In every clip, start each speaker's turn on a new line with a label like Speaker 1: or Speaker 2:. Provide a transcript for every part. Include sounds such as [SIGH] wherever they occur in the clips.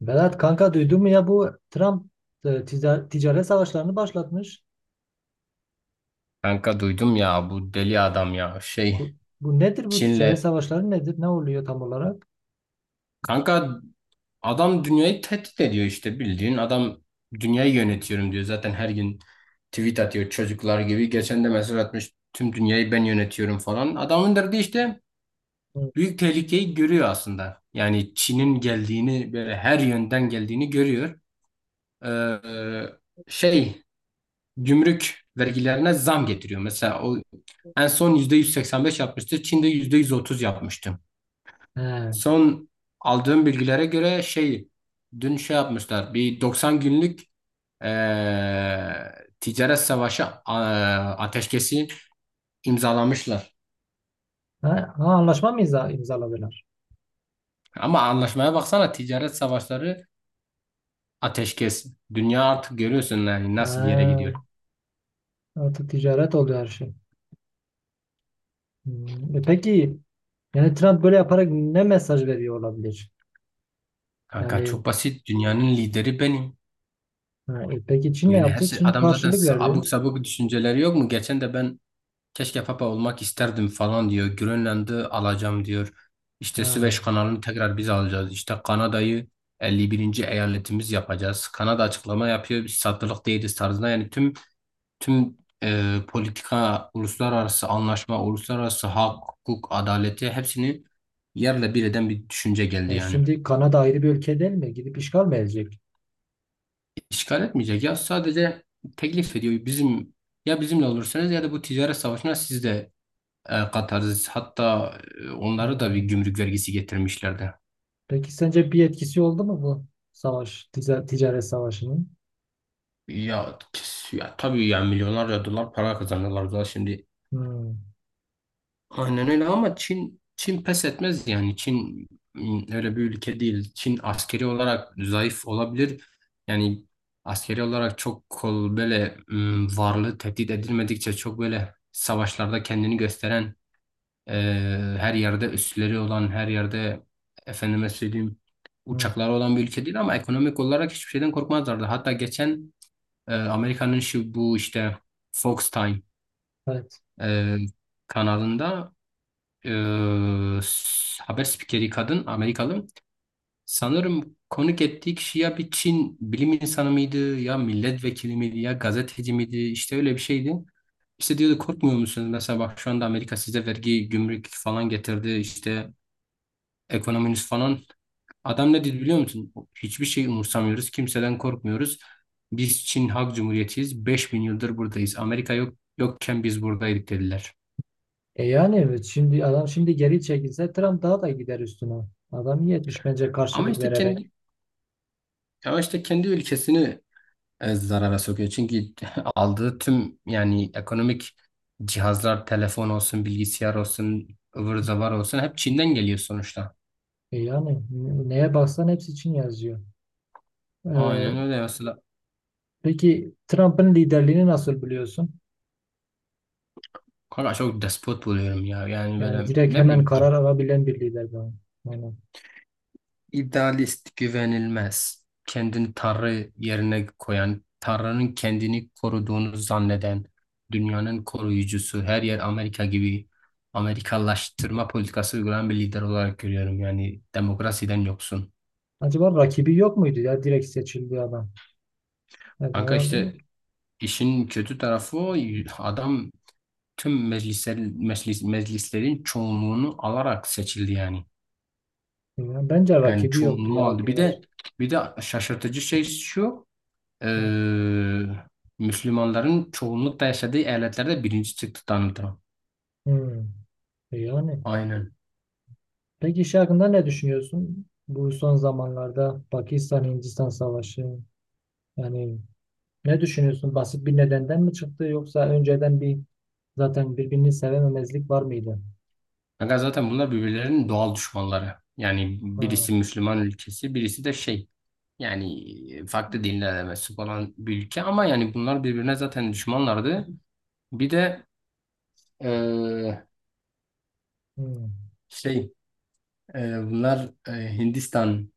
Speaker 1: Berat kanka duydun mu ya bu Trump ticaret savaşlarını başlatmış.
Speaker 2: Kanka duydum ya bu deli adam ya
Speaker 1: Bu, bu nedir bu ticaret
Speaker 2: Çin'le
Speaker 1: savaşları nedir? Ne oluyor tam olarak?
Speaker 2: kanka adam dünyayı tehdit ediyor işte bildiğin adam dünyayı yönetiyorum diyor zaten her gün tweet atıyor çocuklar gibi. Geçen de mesaj atmış, tüm dünyayı ben yönetiyorum falan. Adamın derdi işte
Speaker 1: Hı.
Speaker 2: büyük tehlikeyi görüyor aslında. Yani Çin'in geldiğini, böyle her yönden geldiğini görüyor. Ee, şey Gümrük vergilerine zam getiriyor mesela. O en son %185 yapmıştı, Çin'de %130 yapmıştı.
Speaker 1: He. Ha,
Speaker 2: Son aldığım bilgilere göre dün yapmışlar, bir 90 günlük ticaret savaşı ateşkesi imzalamışlar.
Speaker 1: ha, anlaşma mı imzaladılar?
Speaker 2: Ama anlaşmaya baksana, ticaret savaşları ateşkes. Dünya artık görüyorsun yani
Speaker 1: Ha,
Speaker 2: nasıl bir yere gidiyor.
Speaker 1: artık ticaret oluyor her şey. Hmm, e peki yani Trump böyle yaparak ne mesaj veriyor olabilir?
Speaker 2: Kanka
Speaker 1: Yani
Speaker 2: çok basit, dünyanın lideri benim.
Speaker 1: ha, e peki Çin ne
Speaker 2: Yani her
Speaker 1: yaptı?
Speaker 2: şey,
Speaker 1: Çin
Speaker 2: adam zaten
Speaker 1: karşılık verdi.
Speaker 2: abuk sabuk düşünceleri yok mu? Geçen de ben, keşke papa olmak isterdim falan diyor. Grönland'ı alacağım diyor. İşte
Speaker 1: Ha.
Speaker 2: Süveyş kanalını tekrar biz alacağız. İşte Kanada'yı 51. eyaletimiz yapacağız. Kanada açıklama yapıyor, biz satılık değiliz tarzında. Yani tüm politika, uluslararası anlaşma, uluslararası hak, hukuk, adaleti hepsini yerle bir eden bir düşünce geldi
Speaker 1: E
Speaker 2: yani.
Speaker 1: şimdi Kanada ayrı bir ülke değil mi? Gidip işgal mi edecek?
Speaker 2: İşgal etmeyecek ya, sadece teklif ediyor. Bizim, ya bizimle olursanız ya da bu ticaret savaşına siz de. Katarsis hatta onlara da bir
Speaker 1: Ee,
Speaker 2: gümrük vergisi getirmişlerdi.
Speaker 1: Peki sence bir etkisi oldu mu bu ticaret savaşının?
Speaker 2: Ya tabii ya, milyonlarca dolar para kazanıyorlar da şimdi.
Speaker 1: Hmm.
Speaker 2: Aynen öyle. Ama Çin pes etmez, yani Çin öyle bir ülke değil. Çin askeri olarak zayıf olabilir. Yani askeri olarak çok kol böyle, varlığı tehdit edilmedikçe çok böyle savaşlarda kendini gösteren, her yerde üsleri olan, her yerde efendime söyleyeyim
Speaker 1: Hmm.
Speaker 2: uçakları olan bir ülke değil, ama ekonomik olarak hiçbir şeyden korkmazlardı. Hatta geçen Amerika'nın şu bu işte Fox Time
Speaker 1: Evet.
Speaker 2: e, kanalında, e, haber spikeri kadın Amerikalı, sanırım konuk ettiği kişi ya bir Çin bilim insanı mıydı, ya milletvekili miydi, ya gazeteci miydi, işte öyle bir şeydi. İşte diyordu, korkmuyor musunuz? Mesela bak, şu anda Amerika size vergi, gümrük falan getirdi. İşte ekonominiz falan. Adam ne dedi biliyor musun? Hiçbir şey umursamıyoruz. Kimseden korkmuyoruz. Biz Çin Halk Cumhuriyeti'yiz. 5000 yıldır buradayız. Amerika yok yokken biz buradaydık, dediler.
Speaker 1: E yani evet, şimdi adam şimdi geri çekilse Trump daha da gider üstüne. Adam iyi etmiş bence
Speaker 2: Ama
Speaker 1: karşılık
Speaker 2: işte
Speaker 1: vererek.
Speaker 2: kendi Ama işte kendi ülkesini zarara sokuyor. Çünkü [LAUGHS] aldığı tüm yani ekonomik cihazlar, telefon olsun, bilgisayar olsun, ıvır zıvır olsun, hep Çin'den geliyor sonuçta.
Speaker 1: E yani neye baksan hepsi için yazıyor. Ee,
Speaker 2: Aynen öyle mesela.
Speaker 1: peki Trump'ın liderliğini nasıl biliyorsun?
Speaker 2: Kanka çok despot buluyorum ya. Yani
Speaker 1: Yani
Speaker 2: böyle
Speaker 1: direkt
Speaker 2: ne
Speaker 1: hemen
Speaker 2: bileyim,
Speaker 1: karar alabilen bir lider bu. Yani
Speaker 2: İdealist, güvenilmez, kendini Tanrı yerine koyan, Tanrı'nın kendini koruduğunu zanneden, dünyanın koruyucusu, her yer Amerika gibi Amerikalaştırma politikası uygulayan bir lider olarak görüyorum. Yani demokrasiden yoksun.
Speaker 1: acaba rakibi yok muydu ya direkt seçildi adam? Evet,
Speaker 2: Kanka
Speaker 1: herhalde
Speaker 2: işte
Speaker 1: yok.
Speaker 2: işin kötü tarafı o, adam tüm meclisler, meclis, meclislerin çoğunluğunu alarak seçildi yani.
Speaker 1: Yani bence
Speaker 2: Yani
Speaker 1: rakibi yoktu
Speaker 2: çoğunluğu
Speaker 1: ya o
Speaker 2: aldı. Bir
Speaker 1: kadar.
Speaker 2: de bir de şaşırtıcı şey şu,
Speaker 1: Heh.
Speaker 2: eee, Müslümanların çoğunlukla yaşadığı eyaletlerde birinci çıktı Donald Trump.
Speaker 1: Hmm. E, yani.
Speaker 2: Aynen.
Speaker 1: Peki şey hakkında ne düşünüyorsun? Bu son zamanlarda Pakistan-Hindistan savaşı. Yani ne düşünüyorsun? Basit bir nedenden mi çıktı yoksa önceden bir zaten birbirini sevememezlik var mıydı?
Speaker 2: Fakat zaten bunlar birbirlerinin doğal düşmanları. Yani
Speaker 1: Ha.
Speaker 2: birisi Müslüman ülkesi, birisi de şey, yani farklı dinlere de mensup olan bir ülke, ama yani bunlar birbirine zaten düşmanlardı. Bir de eee,
Speaker 1: Hmm.
Speaker 2: şey bunlar Hindistan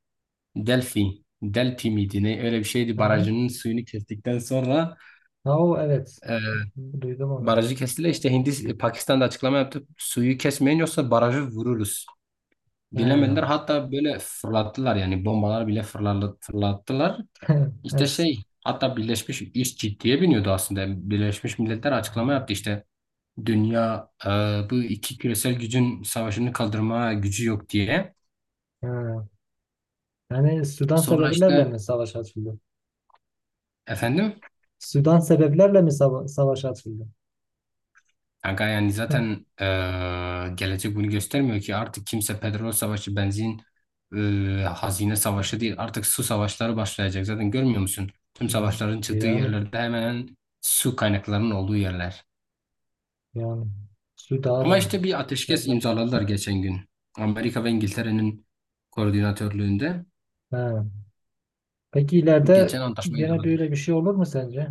Speaker 2: Delhi miydi ne, öyle bir şeydi,
Speaker 1: Ha.
Speaker 2: barajının suyunu kestikten sonra
Speaker 1: Ha, o evet.
Speaker 2: e,
Speaker 1: Duydum onu.
Speaker 2: barajı kestiler. İşte Pakistan'da açıklama yaptı, suyu kesmeyin yoksa barajı vururuz. Dinlemediler.
Speaker 1: Ha.
Speaker 2: Hatta böyle fırlattılar, yani bombalar bile fırlattılar.
Speaker 1: [LAUGHS]
Speaker 2: İşte
Speaker 1: Es-
Speaker 2: şey, hatta Birleşmiş iş ciddiye biniyordu aslında. Yani Birleşmiş Milletler açıklama yaptı işte. Dünya bu iki küresel gücün savaşını kaldırma gücü yok diye.
Speaker 1: ha. Yani Sudan
Speaker 2: Sonra
Speaker 1: sebeplerle
Speaker 2: işte
Speaker 1: mi savaş açıldı?
Speaker 2: efendim,
Speaker 1: Sudan sebeplerle mi savaş açıldı?
Speaker 2: kanka yani
Speaker 1: [LAUGHS]
Speaker 2: zaten gelecek bunu göstermiyor ki. Artık kimse petrol savaşı, benzin, hazine savaşı değil. Artık su savaşları başlayacak. Zaten görmüyor musun? Tüm
Speaker 1: Hmm.
Speaker 2: savaşların çıktığı
Speaker 1: Yani
Speaker 2: yerlerde hemen hemen su kaynaklarının olduğu yerler.
Speaker 1: yani Sudan'a
Speaker 2: Ama
Speaker 1: da
Speaker 2: işte bir
Speaker 1: şey
Speaker 2: ateşkes
Speaker 1: yapacak.
Speaker 2: imzaladılar geçen gün. Amerika ve İngiltere'nin koordinatörlüğünde
Speaker 1: He. Peki ileride
Speaker 2: geçen antlaşma
Speaker 1: gene
Speaker 2: imzaladı.
Speaker 1: böyle bir şey olur mu sence?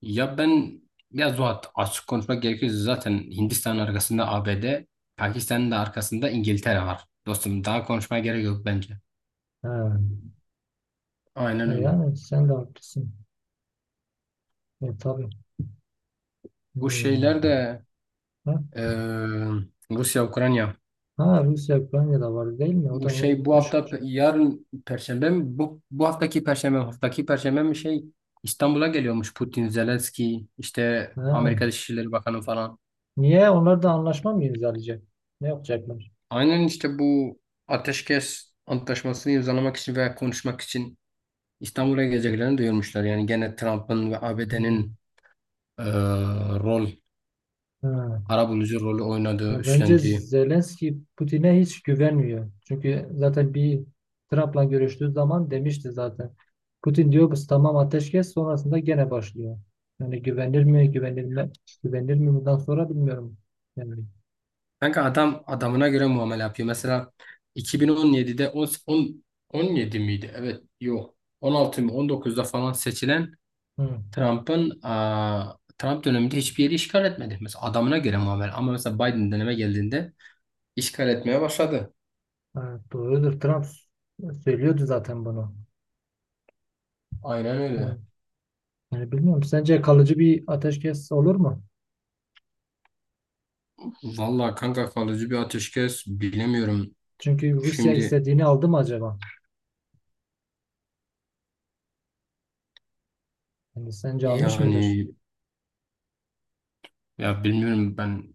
Speaker 2: Ya ben ya Zuhat, açık konuşmak gerekirse zaten Hindistan'ın arkasında ABD, Pakistan'ın da arkasında İngiltere var. Dostum daha konuşmaya gerek yok bence.
Speaker 1: Ha.
Speaker 2: Aynen
Speaker 1: E
Speaker 2: öyle.
Speaker 1: yani sen de haklısın. E, tabii.
Speaker 2: Bu şeyler
Speaker 1: Hmm.
Speaker 2: de
Speaker 1: Ha,
Speaker 2: eee, Rusya, Ukrayna.
Speaker 1: ha Rusya Ukrayna'da var değil mi? O da
Speaker 2: Bu
Speaker 1: olmuş.
Speaker 2: hafta yarın Perşembe mi? Haftaki Perşembe mi İstanbul'a geliyormuş Putin, Zelenski, işte
Speaker 1: Ha.
Speaker 2: Amerika Dışişleri Bakanı falan.
Speaker 1: Niye? Onlar da anlaşma mı imzalayacak? Ne yapacaklar?
Speaker 2: Aynen işte bu ateşkes antlaşmasını imzalamak için veya konuşmak için İstanbul'a geleceklerini duyurmuşlar. Yani gene Trump'ın ve ABD'nin
Speaker 1: Hmm.
Speaker 2: e, rol,
Speaker 1: Ha.
Speaker 2: arabulucu rolü oynadığı,
Speaker 1: Ya bence
Speaker 2: üstlendiği.
Speaker 1: Zelenski Putin'e hiç güvenmiyor. Çünkü zaten bir Trump'la görüştüğü zaman demişti zaten. Putin diyor biz tamam ateşkes sonrasında gene başlıyor. Yani güvenilir mi bundan sonra bilmiyorum. Yani,
Speaker 2: Kanka adam adamına göre muamele yapıyor. Mesela 2017'de 10, 10 17 miydi? Evet, yok. 16 mı 19'da falan seçilen
Speaker 1: hı.
Speaker 2: Trump döneminde hiçbir yeri işgal etmedi. Mesela adamına göre muamele. Ama mesela Biden döneme geldiğinde işgal etmeye başladı.
Speaker 1: Evet, doğrudur. Trump söylüyordu zaten bunu.
Speaker 2: Aynen
Speaker 1: Hı.
Speaker 2: öyle.
Speaker 1: Yani bilmiyorum. Sence kalıcı bir ateşkes olur mu?
Speaker 2: Vallahi kanka, kalıcı bir ateşkes bilemiyorum.
Speaker 1: Çünkü Rusya
Speaker 2: Şimdi
Speaker 1: istediğini aldı mı acaba? Yani sence almış mıdır?
Speaker 2: yani Ya Bilmiyorum. Ben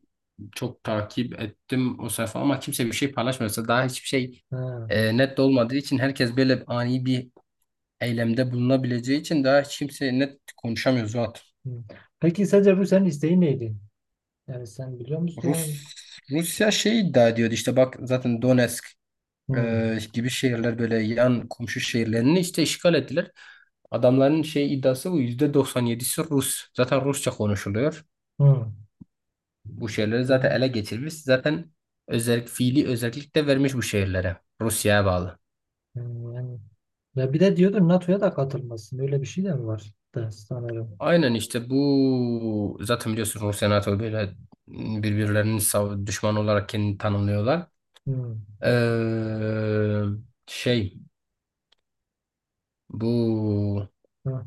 Speaker 2: çok takip ettim o sayfa, ama kimse bir şey paylaşmıyorsa, daha hiçbir şey
Speaker 1: Ha.
Speaker 2: net olmadığı için, herkes böyle ani bir eylemde bulunabileceği için daha hiç kimse net konuşamıyor zaten.
Speaker 1: Hı. Peki sence Rusya'nın isteği neydi? Yani sen biliyor
Speaker 2: Rus
Speaker 1: musun?
Speaker 2: Rusya iddia ediyordu, işte bak zaten Donetsk
Speaker 1: Hı,
Speaker 2: gibi şehirler, böyle yan komşu şehirlerini işte işgal ettiler. Adamların iddiası bu, %97'si Rus. Zaten Rusça konuşuluyor.
Speaker 1: hı.
Speaker 2: Bu şehirleri
Speaker 1: Değil
Speaker 2: zaten ele geçirmiş. Zaten özellik, fiili özellik de vermiş bu şehirlere. Rusya'ya bağlı.
Speaker 1: yani, ya bir de diyordu NATO'ya da katılmasın. Öyle bir şey de mi var da sanırım.
Speaker 2: Aynen işte bu, zaten biliyorsun Rusya NATO böyle birbirlerinin düşman olarak kendini tanımlıyorlar.
Speaker 1: Hı,
Speaker 2: Ee, şey bu
Speaker 1: hı.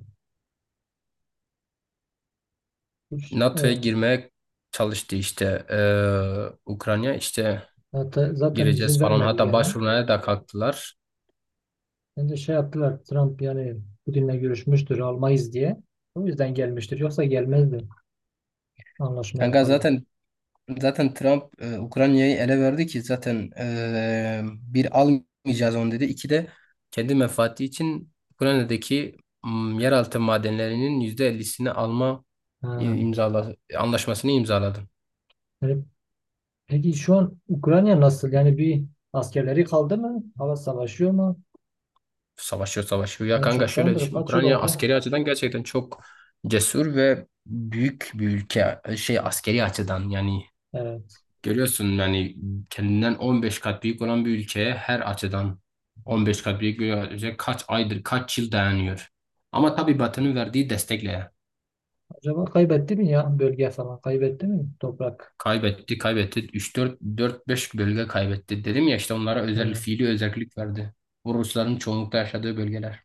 Speaker 1: Üç-
Speaker 2: NATO'ya
Speaker 1: e,
Speaker 2: girmeye çalıştı işte, Ukrayna işte
Speaker 1: hatta zaten izin
Speaker 2: gireceğiz falan,
Speaker 1: vermedi
Speaker 2: hatta
Speaker 1: gene.
Speaker 2: başvurmaya da kalktılar.
Speaker 1: Ben de şey yaptılar Trump yani Putin'le görüşmüştür almayız diye. O yüzden gelmiştir. Yoksa gelmezdi anlaşmaya
Speaker 2: Kanka
Speaker 1: falan.
Speaker 2: zaten Zaten Trump Ukrayna'yı ele verdi ki zaten, bir, almayacağız onu dedi. İki de kendi menfaati için Ukrayna'daki yeraltı madenlerinin %50'sini
Speaker 1: Ha.
Speaker 2: imzaladı, anlaşmasını imzaladı.
Speaker 1: Yani peki şu an Ukrayna nasıl? Yani bir askerleri kaldı mı? Hava savaşıyor mu?
Speaker 2: Savaşıyor, savaşıyor. Ya
Speaker 1: Yani
Speaker 2: kanka şöyle
Speaker 1: çoktandır
Speaker 2: düşün.
Speaker 1: kaç yıl
Speaker 2: Ukrayna
Speaker 1: oldu?
Speaker 2: askeri açıdan gerçekten çok cesur ve büyük bir ülke. Şey askeri açıdan yani
Speaker 1: Evet.
Speaker 2: görüyorsun yani kendinden 15 kat büyük olan bir ülkeye her açıdan 15 kat büyük bir ülke kaç aydır, kaç yıl dayanıyor. Ama tabii Batı'nın verdiği destekle
Speaker 1: Acaba kaybetti mi ya bölge falan? Kaybetti mi toprak?
Speaker 2: kaybetti, kaybetti. 3-4, 4-5 bölge kaybetti. Dedim ya, işte onlara özel,
Speaker 1: Ha.
Speaker 2: fiili özellik verdi. Bu Rusların çoğunlukla yaşadığı bölgeler.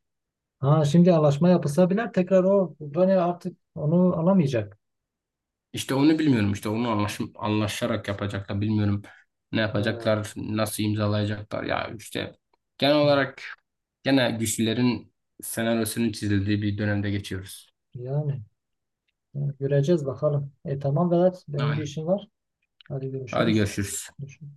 Speaker 1: Ha, şimdi anlaşma yapılsa bile tekrar o Ukrayna artık onu alamayacak.
Speaker 2: İşte onu bilmiyorum. İşte onu anlaşarak yapacaklar, bilmiyorum. Ne
Speaker 1: Ha.
Speaker 2: yapacaklar, nasıl imzalayacaklar ya, işte genel olarak gene güçlülerin senaryosunu çizildiği bir dönemde geçiyoruz.
Speaker 1: Yani, yani göreceğiz bakalım. E tamam Vedat benim bir
Speaker 2: Aynen.
Speaker 1: işim var. Hadi
Speaker 2: Hadi
Speaker 1: görüşürüz.
Speaker 2: görüşürüz.
Speaker 1: Görüşürüz.